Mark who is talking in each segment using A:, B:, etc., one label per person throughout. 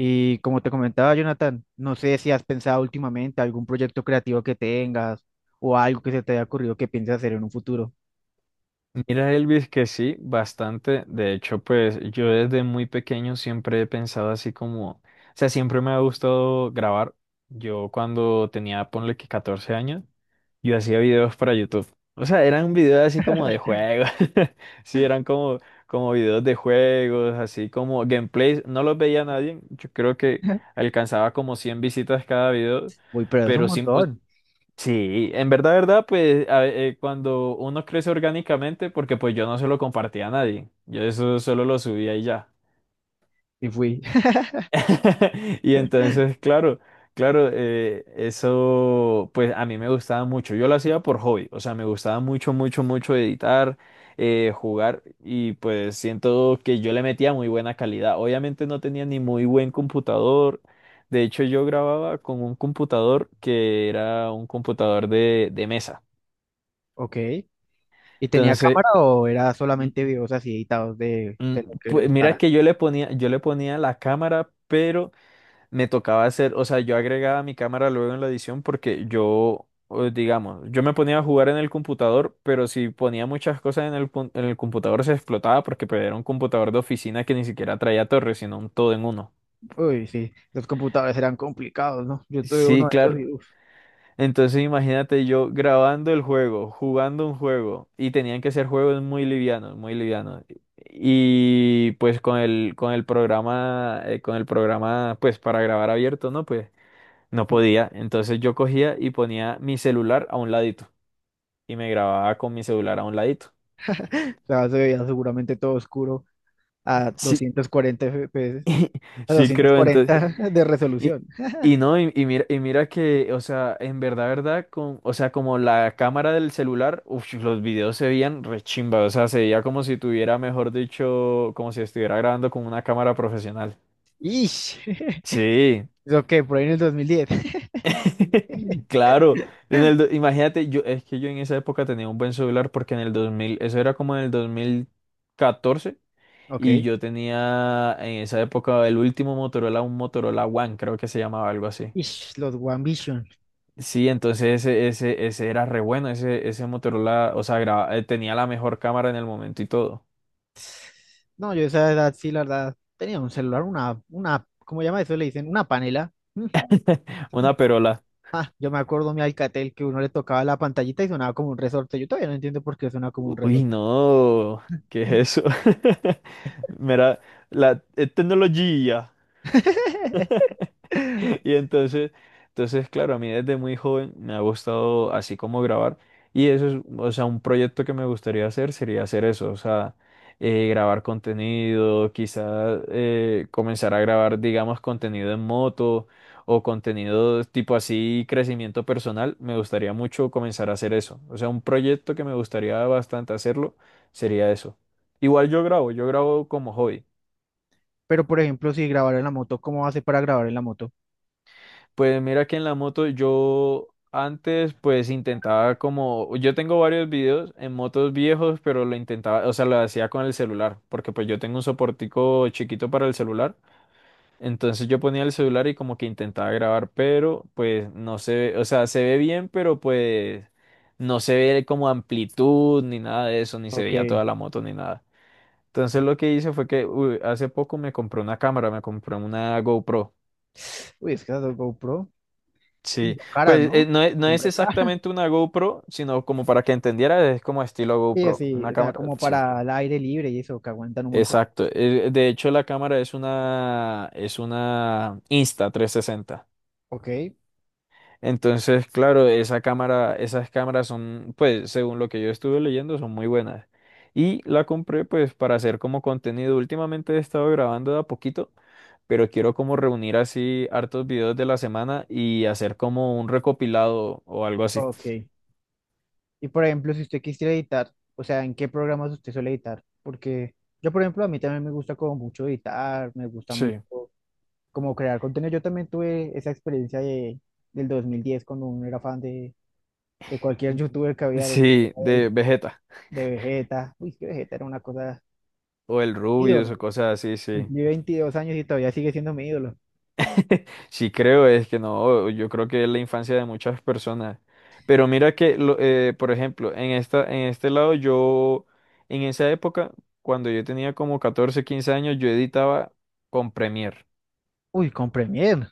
A: Y como te comentaba, Jonathan, no sé si has pensado últimamente algún proyecto creativo que tengas o algo que se te haya ocurrido que pienses hacer en un futuro.
B: Mira, Elvis, que sí, bastante. De hecho, pues yo desde muy pequeño siempre he pensado así como, o sea, siempre me ha gustado grabar. Yo cuando tenía, ponle que 14 años, yo hacía videos para YouTube. O sea, eran videos así como de juegos. Sí, eran como, como videos de juegos, así como gameplays. No los veía nadie. Yo creo que alcanzaba como 100 visitas cada video.
A: Uy, pero es un
B: Pero sí,
A: montón.
B: sí, en verdad, verdad, pues cuando uno crece orgánicamente, porque pues yo no se lo compartía a nadie, yo eso solo lo subía y ya.
A: Y fui.
B: Y entonces, claro, claro, eso pues a mí me gustaba mucho, yo lo hacía por hobby, o sea, me gustaba mucho, mucho, mucho editar, jugar y pues siento que yo le metía muy buena calidad. Obviamente no tenía ni muy buen computador. De hecho, yo grababa con un computador que era un computador de mesa.
A: Ok. ¿Y tenía
B: Entonces,
A: cámara o era
B: ujú,
A: solamente videos así editados de,
B: mm,
A: de lo que le
B: pues mira
A: gustara?
B: que yo le ponía la cámara, pero me tocaba hacer, o sea, yo agregaba mi cámara luego en la edición porque yo, digamos, yo me ponía a jugar en el computador, pero si ponía muchas cosas en en el computador se explotaba porque pues, era un computador de oficina que ni siquiera traía torres, sino un todo en uno.
A: Uy, sí, los computadores eran complicados, ¿no? Yo tuve uno
B: Sí,
A: de esos
B: claro.
A: y uf,
B: Entonces imagínate yo grabando el juego, jugando un juego, y tenían que ser juegos muy livianos, muy livianos. Y pues con el programa, pues para grabar abierto, ¿no? Pues no
A: o
B: podía. Entonces yo cogía y ponía mi celular a un ladito. Y me grababa con mi celular a un ladito.
A: sea, se veía seguramente todo oscuro a
B: Sí,
A: 240 FPS, a
B: sí creo. Entonces
A: 240 de
B: Y,
A: resolución.
B: y no, y mira, que, o sea, en verdad, verdad, con, o sea, como la cámara del celular, uf, los videos se veían rechimba, o sea, se veía como si tuviera, mejor dicho, como si estuviera grabando con una cámara profesional.
A: ¡Ish!
B: Sí,
A: ¿Eso qué? Por ahí en el 2010.
B: claro. Imagínate, yo, es que yo en esa época tenía un buen celular porque en el 2000 eso era como en el 2014 y
A: Ok.
B: yo tenía en esa época el último Motorola, un Motorola One, creo que se llamaba algo así.
A: Ish, los One Vision.
B: Sí, entonces ese era re bueno, ese Motorola, o sea, tenía la mejor cámara en el momento y todo.
A: No, yo a esa edad sí, la verdad, tenía un celular, una, ¿cómo llama eso? Le dicen, una panela. Mm.
B: Una perola.
A: Ah, yo me acuerdo mi Alcatel que uno le tocaba la pantallita y sonaba como un resorte. Yo todavía no entiendo por qué suena como un
B: Uy,
A: resorte.
B: no, ¿qué es eso? Mira, la tecnología. Y entonces, claro, a mí desde muy joven me ha gustado así como grabar. Y eso es, o sea, un proyecto que me gustaría hacer sería hacer eso, o sea, grabar contenido, quizás comenzar a grabar, digamos, contenido en moto o contenido tipo así, crecimiento personal. Me gustaría mucho comenzar a hacer eso. O sea, un proyecto que me gustaría bastante hacerlo sería eso. Igual yo grabo como hobby.
A: Pero, por ejemplo, si grabar en la moto, ¿cómo hace para grabar en la moto?
B: Pues mira que en la moto yo antes pues intentaba como, yo tengo varios videos en motos viejos, pero lo intentaba, o sea, lo hacía con el celular, porque pues yo tengo un soportico chiquito para el celular, entonces yo ponía el celular y como que intentaba grabar, pero pues no se ve, o sea, se ve bien, pero pues no se ve como amplitud ni nada de eso, ni se veía
A: Ok.
B: toda la moto ni nada. Entonces lo que hice fue que uy, hace poco me compré una cámara, me compré una GoPro.
A: Uy, es que esas dos GoPro y
B: Sí,
A: son caras,
B: pues
A: ¿no?
B: no es, no
A: Son
B: es
A: re caras.
B: exactamente una GoPro, sino como para que entendiera, es como estilo
A: Sí,
B: GoPro,
A: sí,
B: una
A: o sea,
B: cámara de
A: como
B: acción.
A: para el aire libre y eso, que aguantan un montón.
B: Exacto. De hecho, la cámara es una insta 360.
A: Ok,
B: Entonces, claro, esa cámara, esas cámaras son, pues, según lo que yo estuve leyendo, son muy buenas. Y la compré, pues, para hacer como contenido. Últimamente he estado grabando de a poquito, pero quiero como reunir así hartos videos de la semana y hacer como un recopilado o algo así.
A: ok. Y por ejemplo, si usted quisiera editar, o sea, ¿en qué programas usted suele editar? Porque yo, por ejemplo, a mí también me gusta como mucho editar, me gusta mucho
B: Sí.
A: como crear contenido. Yo también tuve esa experiencia del 2010 cuando uno era fan de cualquier youtuber que había
B: Sí, de Vegeta
A: de Vegeta. Uy, es que Vegeta era una cosa
B: o el rubio o
A: ídolo.
B: cosas así, sí.
A: Cumplí 22 años y todavía sigue siendo mi ídolo.
B: Sí creo, es que no, yo creo que es la infancia de muchas personas. Pero mira que, por ejemplo, en este lado yo, en esa época, cuando yo tenía como 14 15 años, yo editaba con Premiere.
A: Uy, con Premiere.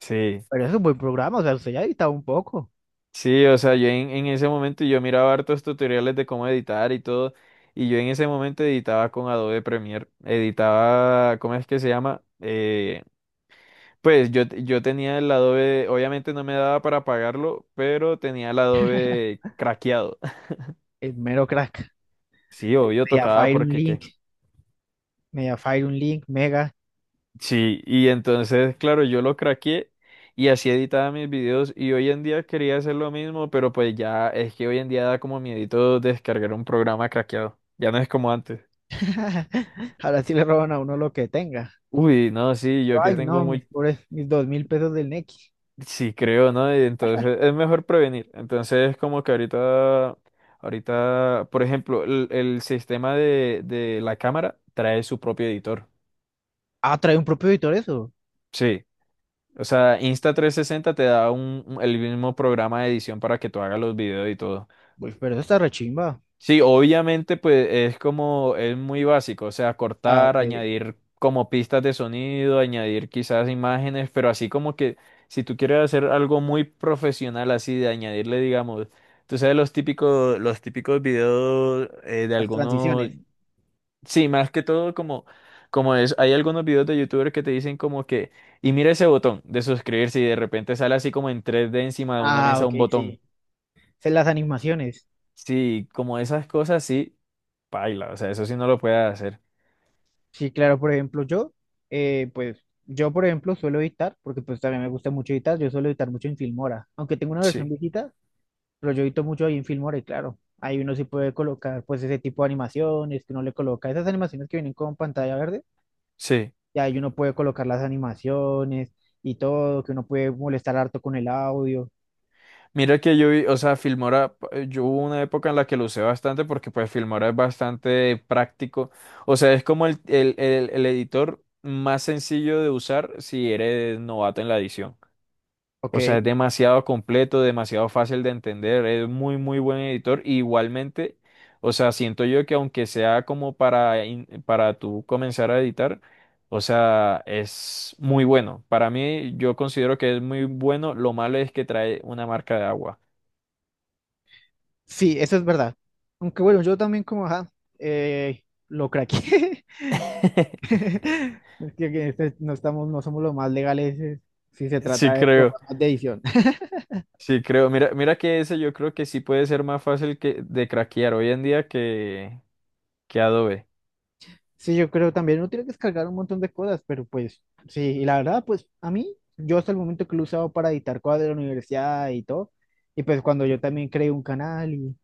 B: Sí,
A: Pero es un buen programa, o sea, usted ya ha editado un poco.
B: sí, o sea, yo en ese momento yo miraba hartos tutoriales de cómo editar y todo, y yo en ese momento editaba con Adobe Premiere, editaba, ¿cómo es que se llama? Pues yo, tenía el Adobe, obviamente no me daba para pagarlo, pero tenía el Adobe craqueado.
A: Es mero crack.
B: Sí, obvio, tocaba
A: Mediafire un
B: porque qué.
A: link, Mediafire un link, Mega.
B: Sí, y entonces, claro, yo lo craqueé y así editaba mis videos y hoy en día quería hacer lo mismo, pero pues ya es que hoy en día da como miedito descargar un programa craqueado. Ya no es como antes.
A: Ahora sí le roban a uno lo que tenga.
B: Uy, no, sí, yo que
A: Ay, no,
B: tengo
A: exacto,
B: muy,
A: mis pobres, mis 2000 pesos del Nequi.
B: sí, creo, ¿no? Y entonces es mejor prevenir. Entonces, como que ahorita, por ejemplo, el sistema de la cámara trae su propio editor.
A: Ah, trae un propio editor eso.
B: Sí. O sea, insta trescientos sesenta te da un, el mismo programa de edición para que tú hagas los videos y todo.
A: Pues, pero eso está rechimba.
B: Sí, obviamente, pues es como, es muy básico, o sea,
A: Ah,
B: cortar,
A: ok.
B: añadir como pistas de sonido, añadir quizás imágenes, pero así como que si tú quieres hacer algo muy profesional, así de añadirle, digamos, tú sabes los típicos videos de
A: Las
B: algunos,
A: transiciones.
B: sí, más que todo como, como es, hay algunos videos de YouTubers que te dicen como que, y mira ese botón de suscribirse y de repente sale así como en 3D encima de una
A: Ah, ajá,
B: mesa
A: ok,
B: un botón.
A: sí. Sé las animaciones.
B: Sí, como esas cosas, sí, paila, o sea, eso sí no lo puedes hacer.
A: Sí, claro, por ejemplo, yo, por ejemplo, suelo editar, porque pues también me gusta mucho editar, yo suelo editar mucho en Filmora. Aunque tengo una versión
B: Sí,
A: viejita, pero yo edito mucho ahí en Filmora y claro, ahí uno sí puede colocar pues ese tipo de animaciones que uno le coloca, esas animaciones que vienen con pantalla verde
B: sí.
A: y ahí uno puede colocar las animaciones y todo, que uno puede molestar harto con el audio.
B: Mira que yo vi, o sea, Filmora, yo hubo una época en la que lo usé bastante porque pues Filmora es bastante práctico, o sea, es como el editor más sencillo de usar si eres novato en la edición.
A: Ok,
B: O sea, es demasiado completo, demasiado fácil de entender, es muy, muy buen editor. Y igualmente, o sea, siento yo que aunque sea como para, para tú comenzar a editar, o sea, es muy bueno. Para mí, yo considero que es muy bueno. Lo malo es que trae una marca de agua.
A: sí, eso es verdad. Aunque bueno, yo también como, ajá, lo craqué. Es que no estamos, no somos los más legales si se
B: Sí
A: trata de
B: creo,
A: programas de edición.
B: sí creo. Mira, que ese yo creo que sí puede ser más fácil que, de craquear hoy en día que Adobe.
A: Sí, yo creo también uno tiene que descargar un montón de cosas, pero pues sí, y la verdad, pues a mí, yo hasta el momento que lo he usado para editar cosas de la universidad y todo, y pues cuando yo
B: Sí.
A: también creé un canal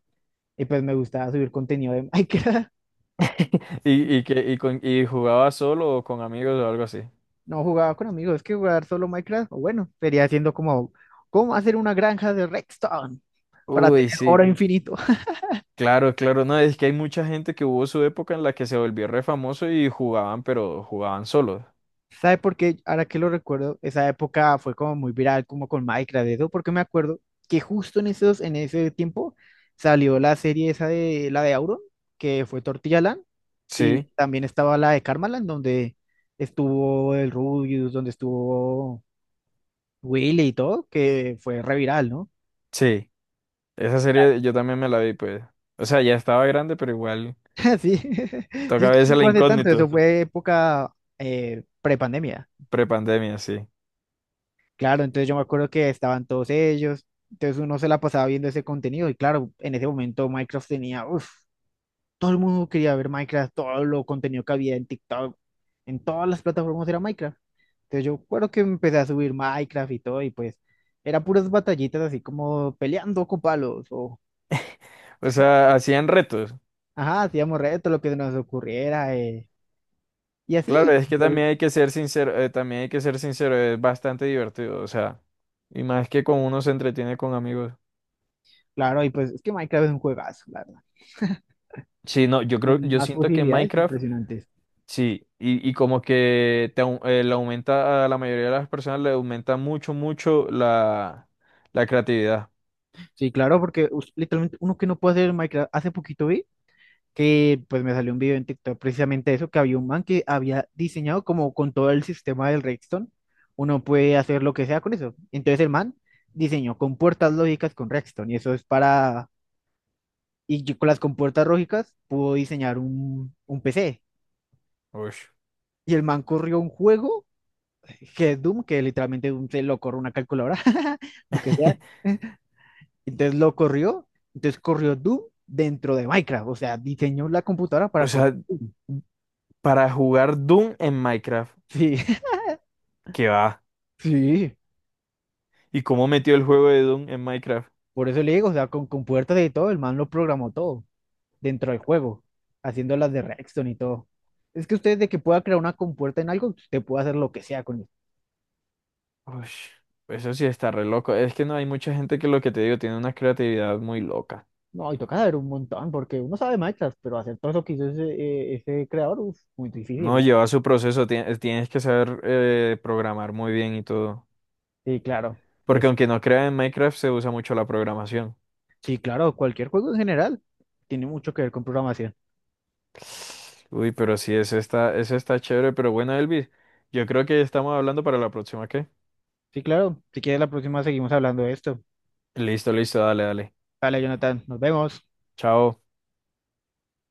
A: y pues me gustaba subir contenido de Minecraft.
B: Y jugaba solo o con amigos o algo así.
A: No jugaba con amigos, es que jugar solo Minecraft, o bueno, sería haciendo como, ¿cómo hacer una granja de Redstone para
B: Uy,
A: tener
B: sí,
A: oro infinito?
B: claro, claro, no, es que hay mucha gente que hubo su época en la que se volvió re famoso y jugaban, pero jugaban solos.
A: ¿Sabe por qué? Ahora que lo recuerdo, esa época fue como muy viral, como con Minecraft, eso, porque me acuerdo que justo en ese tiempo salió la serie esa de, la de Auron, que fue Tortilla Land,
B: Sí,
A: y también estaba la de Karmaland, donde estuvo el Rubius, donde estuvo Willy y todo, que fue re viral, ¿no?
B: sí, esa serie yo también me la vi, pues. O sea, ya estaba grande, pero igual
A: Sí, sí,
B: toca
A: es
B: a
A: que
B: veces
A: no
B: la
A: fue hace tanto, eso
B: incógnito,
A: fue época prepandemia.
B: prepandemia, sí.
A: Claro, entonces yo me acuerdo que estaban todos ellos, entonces uno se la pasaba viendo ese contenido y claro, en ese momento Minecraft tenía, uff, todo el mundo quería ver Minecraft, todo lo contenido que había en TikTok, en todas las plataformas era Minecraft. Entonces yo recuerdo que empecé a subir Minecraft y todo y pues era puras batallitas así como peleando con palos o,
B: O sea, hacían retos.
A: ajá, hacíamos retos, lo que nos ocurriera y
B: Claro,
A: así.
B: es que también hay que ser sincero, es bastante divertido, o sea, y más que con uno se entretiene con amigos.
A: Claro, y pues es que Minecraft es un juegazo, la verdad.
B: Sí, no, yo creo,
A: Con
B: yo
A: más
B: siento que
A: posibilidades
B: Minecraft,
A: impresionantes.
B: sí, y como que te, le aumenta a la mayoría de las personas, le aumenta mucho, mucho la, la creatividad.
A: Sí, claro, porque literalmente uno que no puede hacer en Minecraft, hace poquito vi que pues me salió un video en TikTok precisamente eso, que había un man que había diseñado como con todo el sistema del Redstone, uno puede hacer lo que sea con eso. Entonces el man diseñó con puertas lógicas con Redstone y eso es para, y yo con las compuertas lógicas pudo diseñar un PC.
B: Ush.
A: Y el man corrió un juego que es Doom, que literalmente Doom se lo corre una calculadora, lo que sea. Entonces lo corrió, entonces corrió Doom dentro de Minecraft, o sea, diseñó la computadora
B: O
A: para correr
B: sea,
A: Doom.
B: para jugar Doom en Minecraft,
A: Sí,
B: ¿qué va?
A: sí,
B: ¿Y cómo metió el juego de Doom en Minecraft?
A: por eso le digo, o sea, con puertas y todo, el man lo programó todo dentro del juego, haciendo las de Redstone y todo. Es que usted de que pueda crear una compuerta en algo, usted puede hacer lo que sea con eso.
B: Ush, eso sí está re loco. Es que no hay mucha gente que lo que te digo tiene una creatividad muy loca.
A: No, y toca saber un montón, porque uno sabe Minecraft, pero hacer todo eso que hizo ese creador, uf, muy difícil.
B: No lleva su proceso, tienes que saber programar muy bien y todo.
A: Sí, claro,
B: Porque
A: pues
B: aunque no creas en Minecraft, se usa mucho la programación.
A: sí, claro, cualquier juego en general tiene mucho que ver con programación.
B: Uy, pero sí, es está, eso está chévere, pero bueno, Elvis, yo creo que estamos hablando para la próxima, ¿qué?
A: Sí, claro. Si quieres, la próxima seguimos hablando de esto.
B: Listo, listo, dale, dale.
A: Dale, Jonathan. Nos vemos.
B: Chao.